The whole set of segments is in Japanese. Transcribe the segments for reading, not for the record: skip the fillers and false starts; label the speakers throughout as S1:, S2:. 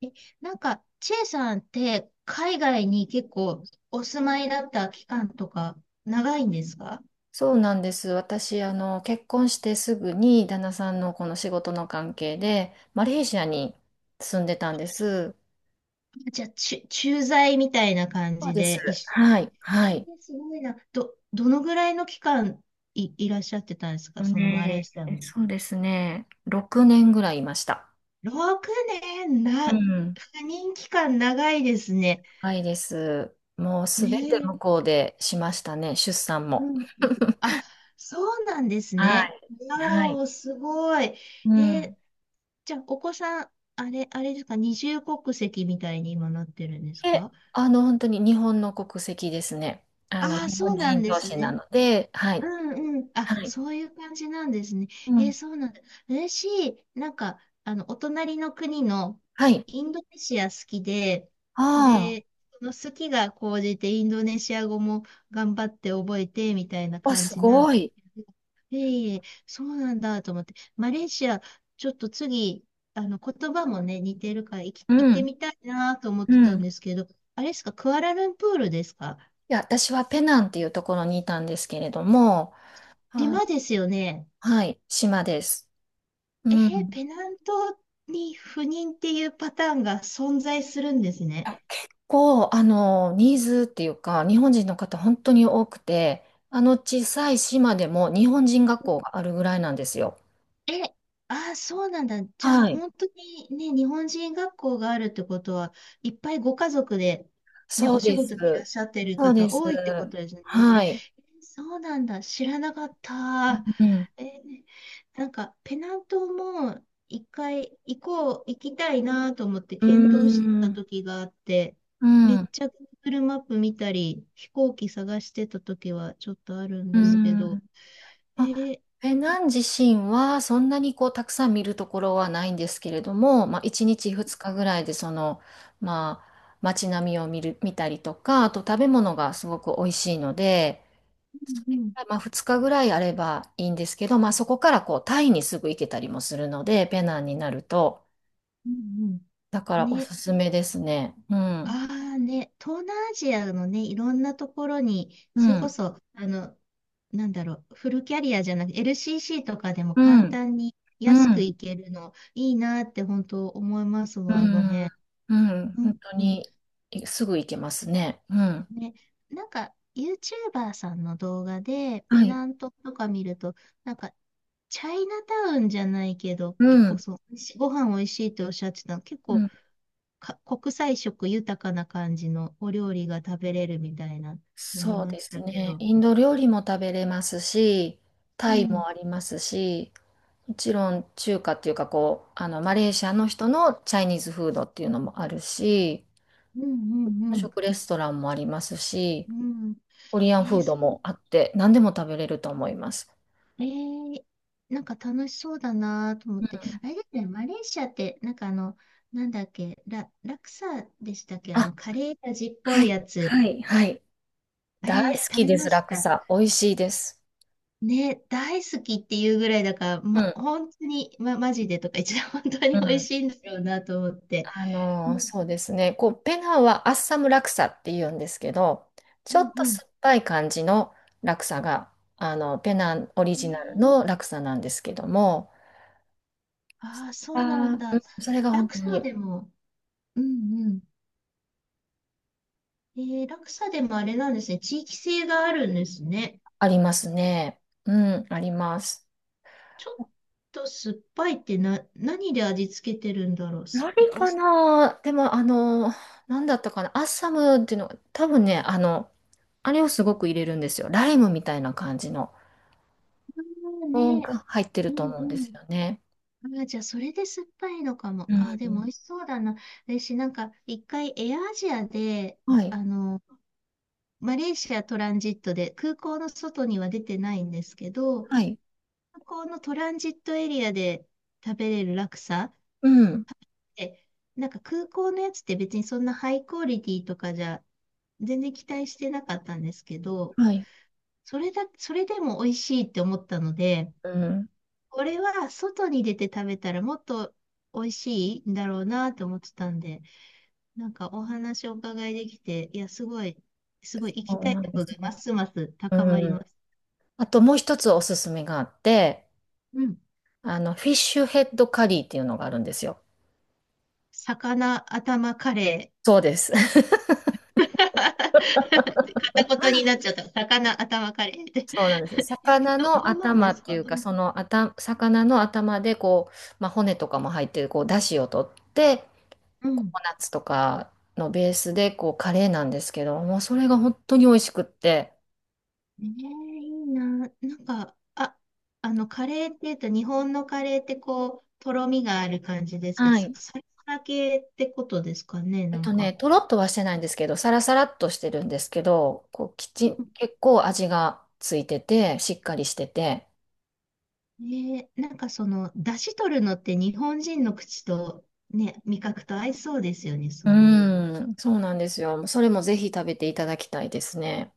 S1: え、チェイさんって海外に結構お住まいだった期間とか長いんですか？
S2: そうなんです。私、結婚してすぐに旦那さんのこの仕事の関係で、マレーシアに住んでたんです。
S1: じゃあ、駐在みたいな感
S2: そう
S1: じ
S2: です。
S1: で一緒
S2: は
S1: に。
S2: い、は
S1: え
S2: い。
S1: ーすごいな。どのぐらいの期間いらっしゃってたんですか？そのマレー
S2: ね
S1: シアに。
S2: そうですね。6年ぐらいいました。
S1: 6年
S2: うん。
S1: 赴任期間長いですね。
S2: はいです。もうすべて
S1: ねえ。
S2: 向こうでしましたね。出産
S1: う
S2: も。
S1: ん。あ、そうなんです
S2: は
S1: ね。
S2: い。
S1: わ
S2: は
S1: ー
S2: い。
S1: お、すごい。
S2: う
S1: ー
S2: ん。
S1: じゃあ、お子さん、あれですか、二重国籍みたいに今なってるんです
S2: で、
S1: か？
S2: 本当に日本の国籍ですね。
S1: ああー、
S2: 日
S1: そ
S2: 本
S1: うな
S2: 人
S1: んで
S2: 同
S1: す
S2: 士な
S1: ね。
S2: ので、はい。
S1: うんうん。あ、
S2: はい。
S1: そういう感じなんですね。
S2: うん。
S1: そうなんだ。嬉しい。お隣の国の
S2: はい。
S1: インドネシア好きで、
S2: ああ。
S1: で、その好きが高じてインドネシア語も頑張って覚えて、みたいな
S2: あ、
S1: 感
S2: す
S1: じなんで
S2: ご
S1: す
S2: い。
S1: けど。いえいえ、そうなんだと思って。マレーシア、ちょっと次、言葉もね、似てるから、
S2: う
S1: 行って
S2: ん、
S1: みたいなと思っ
S2: う
S1: てた
S2: ん。
S1: ん
S2: い
S1: ですけど、あれですか、クアラルンプールですか？
S2: や、私はペナンっていうところにいたんですけれども、あ、
S1: 島ですよね。
S2: はい、島です。
S1: え
S2: う
S1: ー、
S2: ん。
S1: ペナントに不妊っていうパターンが存在するんです
S2: あ
S1: ね。
S2: 結構、ニーズっていうか、日本人の方本当に多くて、あの小さい島でも日本人学校があるぐらいなんですよ。
S1: え、ああ、そうなんだ。じゃあ、
S2: はい。
S1: 本当にね、日本人学校があるってことは、いっぱいご家族で、ね、
S2: そ
S1: お
S2: う
S1: 仕
S2: です。
S1: 事にいらっしゃってる
S2: そうで
S1: 方
S2: す。
S1: 多いってことですね。
S2: はい。
S1: えそうなんだ。知らなかった。
S2: うん。
S1: えーなんか、ペナントも一回行こう、行きたいなと思って
S2: うー
S1: 検討してた
S2: ん。
S1: 時があって、
S2: う
S1: めっ
S2: ん。
S1: ちゃ Google マップ見たり、飛行機探してた時はちょっとあるん
S2: う
S1: ですけど、
S2: ん。
S1: え
S2: あ
S1: ー、
S2: ペナン自身はそんなにこうたくさん見るところはないんですけれども、まあ、1日2日ぐらいでその、まあ、街並みを見たりとかあと食べ物がすごく美味しいのでそ
S1: うんう
S2: れ
S1: ん、
S2: がまあ2日ぐらいあればいいんですけど、まあ、そこからこうタイにすぐ行けたりもするのでペナンになると
S1: うん
S2: だか
S1: うん。
S2: らお
S1: ね、
S2: すすめですね。うん、
S1: ああね、東南アジアのね、いろんなところに、
S2: う
S1: それこ
S2: ん
S1: そ、フルキャリアじゃなくて、LCC とかでも
S2: う
S1: 簡
S2: ん
S1: 単に
S2: う
S1: 安く
S2: ん
S1: 行けるの、いいなって本当思います
S2: う
S1: もん、あの
S2: ん
S1: 辺。
S2: うん
S1: う
S2: 本
S1: ん
S2: 当
S1: うん。
S2: にいすぐ行けますね。うん、
S1: ね、なんか、YouTuber さんの動画で、
S2: は
S1: ペ
S2: い、
S1: ナントとか見ると、なんか、チャイナタウンじゃないけど、
S2: う
S1: 結構
S2: ん
S1: そう、しご飯美味しいっておっしゃってたの、結
S2: う
S1: 構
S2: ん、
S1: か、国際色豊かな感じのお料理が食べれるみたいなの見
S2: そう
S1: まし
S2: です
S1: たけ
S2: ね。
S1: ど。
S2: インド料理も食べれますし、
S1: う
S2: タイ
S1: ん、
S2: もありますし、もちろん中華っていうかこう、マレーシアの人のチャイニーズフードっていうのもあるし、
S1: うん、う
S2: 日
S1: ん、
S2: 本
S1: うん。
S2: 食レストランもありますし、
S1: うん、
S2: コリア
S1: え
S2: ンフ
S1: ー、
S2: ード
S1: そう
S2: もあって、何でも食べれると思います。
S1: えー、なんか楽しそうだなと思
S2: う
S1: って。
S2: ん。
S1: あれですね、マレーシアって、なんかあの、なんだっけ、ラクサでしたっけ、あ
S2: あ、
S1: の、カレー味っぽ
S2: は
S1: い
S2: い、
S1: やつ。
S2: はい、はい。
S1: あ
S2: 大
S1: れ、
S2: 好
S1: 食
S2: き
S1: べ
S2: で
S1: ま
S2: す、ラ
S1: し
S2: ク
S1: た。
S2: サ。美味しいです。
S1: ね、大好きっていうぐらいだから、
S2: うん、
S1: 本当に、マジでとか言っちゃう、本当
S2: う
S1: に美味
S2: ん。
S1: しいんだろうなと思って。うん、
S2: そうですね。こう、ペナンはアッサムラクサって言うんですけど、ち
S1: う
S2: ょ
S1: ん、
S2: っと
S1: うん。
S2: 酸っぱい感じのラクサが、ペナンオリ
S1: えー、
S2: ジナルのラクサなんですけども、
S1: ああ、そうな
S2: あ
S1: ん
S2: ーう
S1: だ。
S2: んそれが
S1: ラ
S2: 本
S1: ク
S2: 当
S1: サ
S2: に
S1: でも、うん、うん。えー、ラクサでもあれなんですね、地域性があるんですね。
S2: ありますね。うん、あります。
S1: ちょっと酸っぱいってな、何で味付けてるんだろう。酸っ
S2: 何
S1: ぱい。お
S2: か
S1: 酢、
S2: なでも、なんだったかなアッサムっていうのが、多分ね、あれをすごく入れるんですよ。ライムみたいな感じの、
S1: ね。
S2: が入ってる
S1: う
S2: と
S1: ん
S2: 思うんで
S1: う
S2: すよ
S1: ん。
S2: ね。
S1: あじゃあ、それで酸っぱいのかも。
S2: う
S1: あでも
S2: ん。
S1: 美味しそうだな。私、なんか、一回、エアアジアで、
S2: はい。
S1: あの、マレーシアトランジットで、空港の外には出てないんですけど、
S2: はい。
S1: 空港のトランジットエリアで食べれるラクサ
S2: うん。
S1: でなんか空港のやつって別にそんなハイクオリティとかじゃ全然期待してなかったんですけど、
S2: はい。
S1: それでも美味しいって思ったので、
S2: うん。
S1: これは外に出て食べたらもっと美味しいんだろうなと思ってたんで、なんかお話をお伺いできて、いや、すごい、すごい行
S2: そ
S1: き
S2: う
S1: たい
S2: なんで
S1: 欲
S2: す
S1: がま
S2: か。
S1: すます
S2: う
S1: 高まり
S2: ん。
S1: ます。
S2: あともう一つおすすめがあって、
S1: うん。
S2: フィッシュヘッドカリーっていうのがあるんですよ。
S1: 魚頭カレー。
S2: そうです。
S1: 片言になっちゃった。魚頭カレーって。
S2: そうなんです。魚の
S1: どうなん
S2: 頭
S1: で
S2: っ
S1: す
S2: てい
S1: か？
S2: う
S1: う
S2: か、
S1: ん。
S2: その頭、魚の頭でこう、まあ、骨とかも入ってる、こう、出汁を取って、
S1: う
S2: コ
S1: ん
S2: コナッツとかのベースで、こう、カレーなんですけど、もうそれが本当に美味しくって、
S1: ねえ、いいな。なんか、あ、カレーって言うと、日本のカレーってこう、とろみがある感じですけど、
S2: はい。
S1: サラサラ系ってことですかね、
S2: えっ
S1: なん
S2: とね、
S1: か。
S2: とろっとはしてないんですけど、サラサラっとしてるんですけど、こう、きちん、結構味がついてて、しっかりしてて。
S1: ねえ、なんかその、出汁取るのって日本人の口と、ね、味覚と合いそうですよね、
S2: う
S1: そういう。
S2: ーん、そうなんですよ。それもぜひ食べていただきたいですね。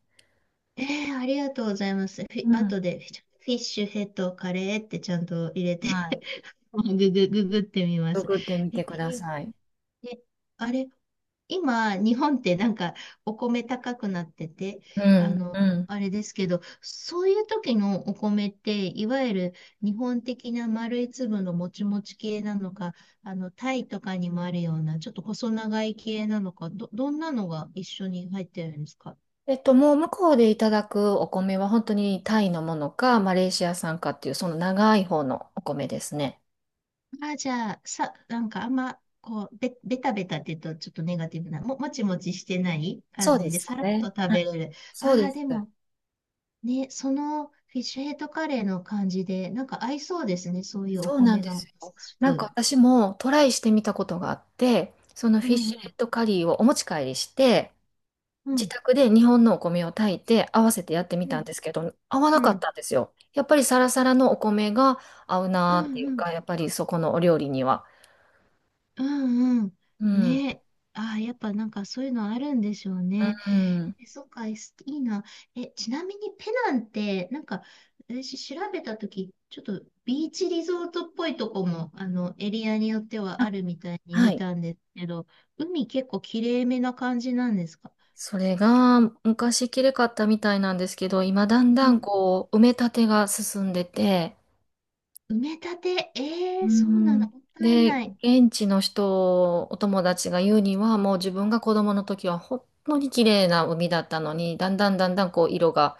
S1: ええ、ありがとうございます。フィ、
S2: うん。
S1: 後でフィッシュヘッドカレーってちゃんと入れて
S2: はい。
S1: ググってみます。
S2: 作ってみ
S1: え
S2: てく
S1: え、
S2: だ
S1: いい
S2: さい。
S1: ね、あれ今、日本ってなんかお米高くなってて、
S2: う
S1: あ
S2: ん、う
S1: の、
S2: ん。
S1: あれですけど、そういう時のお米って、いわゆる日本的な丸い粒のもちもち系なのか、あの、タイとかにもあるような、ちょっと細長い系なのか、どんなのが一緒に入ってるんですか？
S2: えっと、もう向こうでいただくお米は本当にタイのものか、マレーシア産かっていう、その長い方のお米ですね。
S1: あ、じゃあ、さ、なんかあんま、こう、べ、ベタベタって言うとちょっとネガティブな、もちもちしてない
S2: そ
S1: 感
S2: うで
S1: じで、
S2: す
S1: さら
S2: よ
S1: っと
S2: ね。
S1: 食
S2: はい。
S1: べれる。あ
S2: そうで
S1: あ、
S2: す。
S1: でも、ね、そのフィッシュヘッドカレーの感じで、なんか合いそうですね、そういうお
S2: そうなん
S1: 米
S2: で
S1: が、ま
S2: す
S1: さ
S2: よ。
S1: し
S2: なんか
S1: く。
S2: 私もトライしてみたことがあって、その
S1: う
S2: フィッ
S1: んう
S2: シュレッ
S1: ん、
S2: トカリーをお持ち帰りして、
S1: う
S2: 自
S1: ん、
S2: 宅で日本のお米を炊いて合わせてやってみ
S1: う
S2: たん
S1: ん、
S2: ですけど、合わ
S1: う
S2: な
S1: ん、
S2: か
S1: う
S2: っ
S1: ん、
S2: たんですよ。やっぱりサラサラのお米が合う
S1: う
S2: なーっていう
S1: ん、
S2: か、やっぱりそこのお料理には。
S1: うんうん。
S2: うん。
S1: ね、ああ、やっぱなんかそういうのあるんでしょうね。
S2: うん。
S1: え、そっか、えすいいな。え、ちなみにペナンって、なんか、私調べたとき、ちょっとビーチリゾートっぽいとこも、あの、エリアによってはあ
S2: あ、
S1: るみたいに
S2: は
S1: 見
S2: い。
S1: たんですけど、海結構きれいめな感じなんですか？
S2: それが昔きれかったみたいなんですけど、今だん
S1: う
S2: だん
S1: ん
S2: こう、埋め立てが進んでて、
S1: 埋め立て、え
S2: う
S1: えそうなんだ、
S2: ん。
S1: もったい
S2: で、
S1: ない。
S2: 現地の人、お友達が言うには、もう自分が子供の時は本当に綺麗な海だったのに、だんだんだんだんこう色が、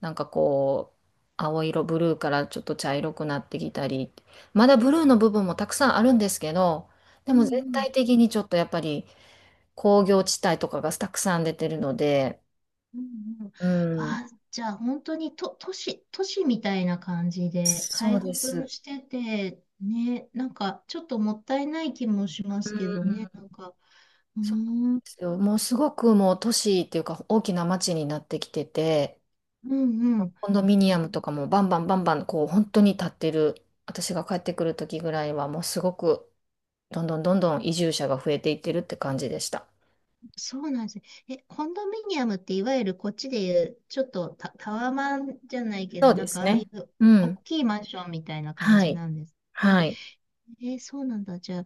S2: なんかこう、青色、ブルーからちょっと茶色くなってきたり、まだブルーの部分もたくさんあるんですけど、で
S1: う
S2: も全
S1: んうん。
S2: 体的にちょっとやっぱり工業地帯とかがたくさん出てるので、
S1: うんうん、
S2: うん、
S1: あー、じゃあ本当にと、都市、都市みたいな感じで
S2: そ
S1: 開
S2: うで
S1: 発も
S2: す。
S1: してて、ね、なんかちょっともったいない気もしま
S2: う
S1: すけどね、
S2: ん
S1: なんか、うー
S2: そうなん
S1: ん、う
S2: ですよ。もうすごくもう都市っていうか大きな街になってきてて、
S1: んうん。
S2: コンドミニア
S1: え
S2: ムとかもバンバンバンバンこう本当に建ってる、私が帰ってくる時ぐらいはもうすごくどんどんどんどん移住者が増えていってるって感じでした。
S1: そうなんですね。え、コンドミニアムっていわゆるこっちでいう、ちょっとタワマンじゃないけ
S2: そ
S1: ど、
S2: う
S1: な
S2: で
S1: んか
S2: す
S1: ああい
S2: ね。
S1: う
S2: う
S1: 大
S2: ん。
S1: きいマンションみたいな感
S2: は
S1: じ
S2: い。
S1: なんですね。
S2: はい。
S1: えーそうなんだ。じゃあ、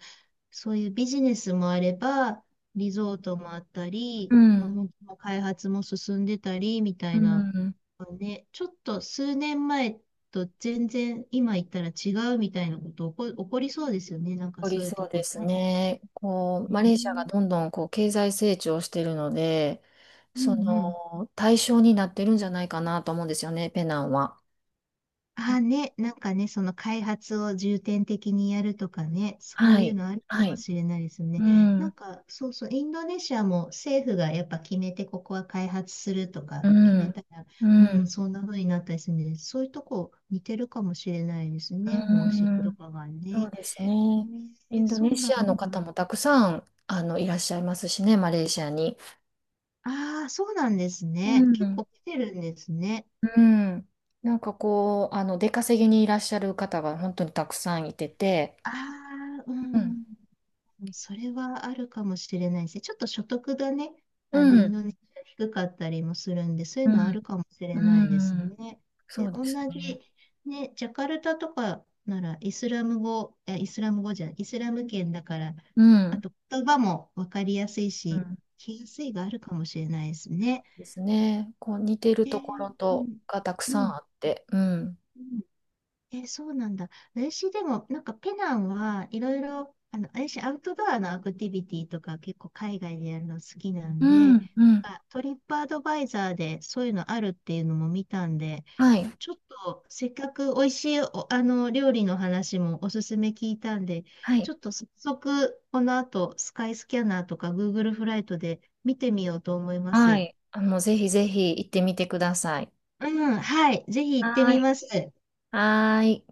S1: そういうビジネスもあれば、リゾートもあったり、
S2: う
S1: まあ、
S2: ん。
S1: 本当の開発も進んでたり、みた
S2: う
S1: いな、
S2: ん。
S1: ね、ちょっと数年前と全然今言ったら違うみたいなこと起こりそうですよね。なんか
S2: お
S1: そ
S2: り
S1: ういう
S2: そ
S1: と
S2: う
S1: こ
S2: です
S1: ね。
S2: ね。こう、
S1: ね
S2: マレーシアがどん
S1: え
S2: どんこう経済成長してるので、
S1: うんう
S2: そ
S1: ん。
S2: の対象になってるんじゃないかなと思うんですよね、ペナンは。
S1: あ、ね、なんかね、その開発を重点的にやるとかね、そう
S2: は
S1: いう
S2: い。
S1: のあるか
S2: は
S1: も
S2: い。
S1: しれないです
S2: う
S1: ね。
S2: ん。う
S1: そうそう、インドネシアも政府がやっぱ決めて、ここは開発するとか決め
S2: ん。
S1: たら、
S2: う
S1: う
S2: ん。
S1: ん、そんな風になったりするんで、そういうとこ似てるかもしれないです
S2: う
S1: ね、方針と
S2: ん。
S1: かが
S2: そう
S1: ね。
S2: です
S1: え
S2: ね。イ
S1: ー
S2: ンド
S1: そ
S2: ネ
S1: うな
S2: シアの
S1: ん
S2: 方
S1: だ。
S2: もたくさん、いらっしゃいますしね、マレーシアに。
S1: ああ、そうなんです
S2: う
S1: ね。結
S2: ん。
S1: 構来てるんですね。
S2: うん。なんかこう、出稼ぎにいらっしゃる方が本当にたくさんいてて。
S1: ああ、う
S2: うん。
S1: ん。それはあるかもしれないですね。ちょっと所得がね、
S2: う
S1: あの、イン
S2: ん。
S1: ドネシア低かったりもするんで、そういう
S2: う
S1: のはあ
S2: ん。
S1: るかもしれないです
S2: うん。
S1: ね。
S2: そ
S1: で、
S2: うで
S1: 同
S2: すね。
S1: じ、ね、ジャカルタとかなら、イスラム語、いやイスラム語じゃない、イスラム圏だから、
S2: う
S1: あ
S2: ん。
S1: と言葉もわかりやすい
S2: う
S1: し、
S2: ん。
S1: 聞きやすいがあるかもしれないですね。
S2: ですね。こう、似ている
S1: え
S2: と
S1: ー
S2: ころ
S1: う
S2: と、
S1: ん、
S2: がたく
S1: う
S2: さ
S1: ん、
S2: んあって。うん。
S1: うんえ、そうなんだ。私でも、なんかペナンはいろいろ、あの、私アウトドアのアクティビティとか結構海外でやるの好きな
S2: う
S1: んで、
S2: ん。うん。
S1: あ、トリップアドバイザーでそういうのあるっていうのも見たんで、
S2: はい。
S1: ちょっとせっかく美味しいお、あの、料理の話もおすすめ聞いたんで、
S2: は
S1: ち
S2: い。
S1: ょっと早速この後スカイスキャナーとか Google フライトで見てみようと思いま
S2: は
S1: す。
S2: い。あ、もうぜひぜひ行ってみてください。
S1: うん、はい。ぜひ行って
S2: は
S1: み
S2: い。
S1: ます。
S2: はい。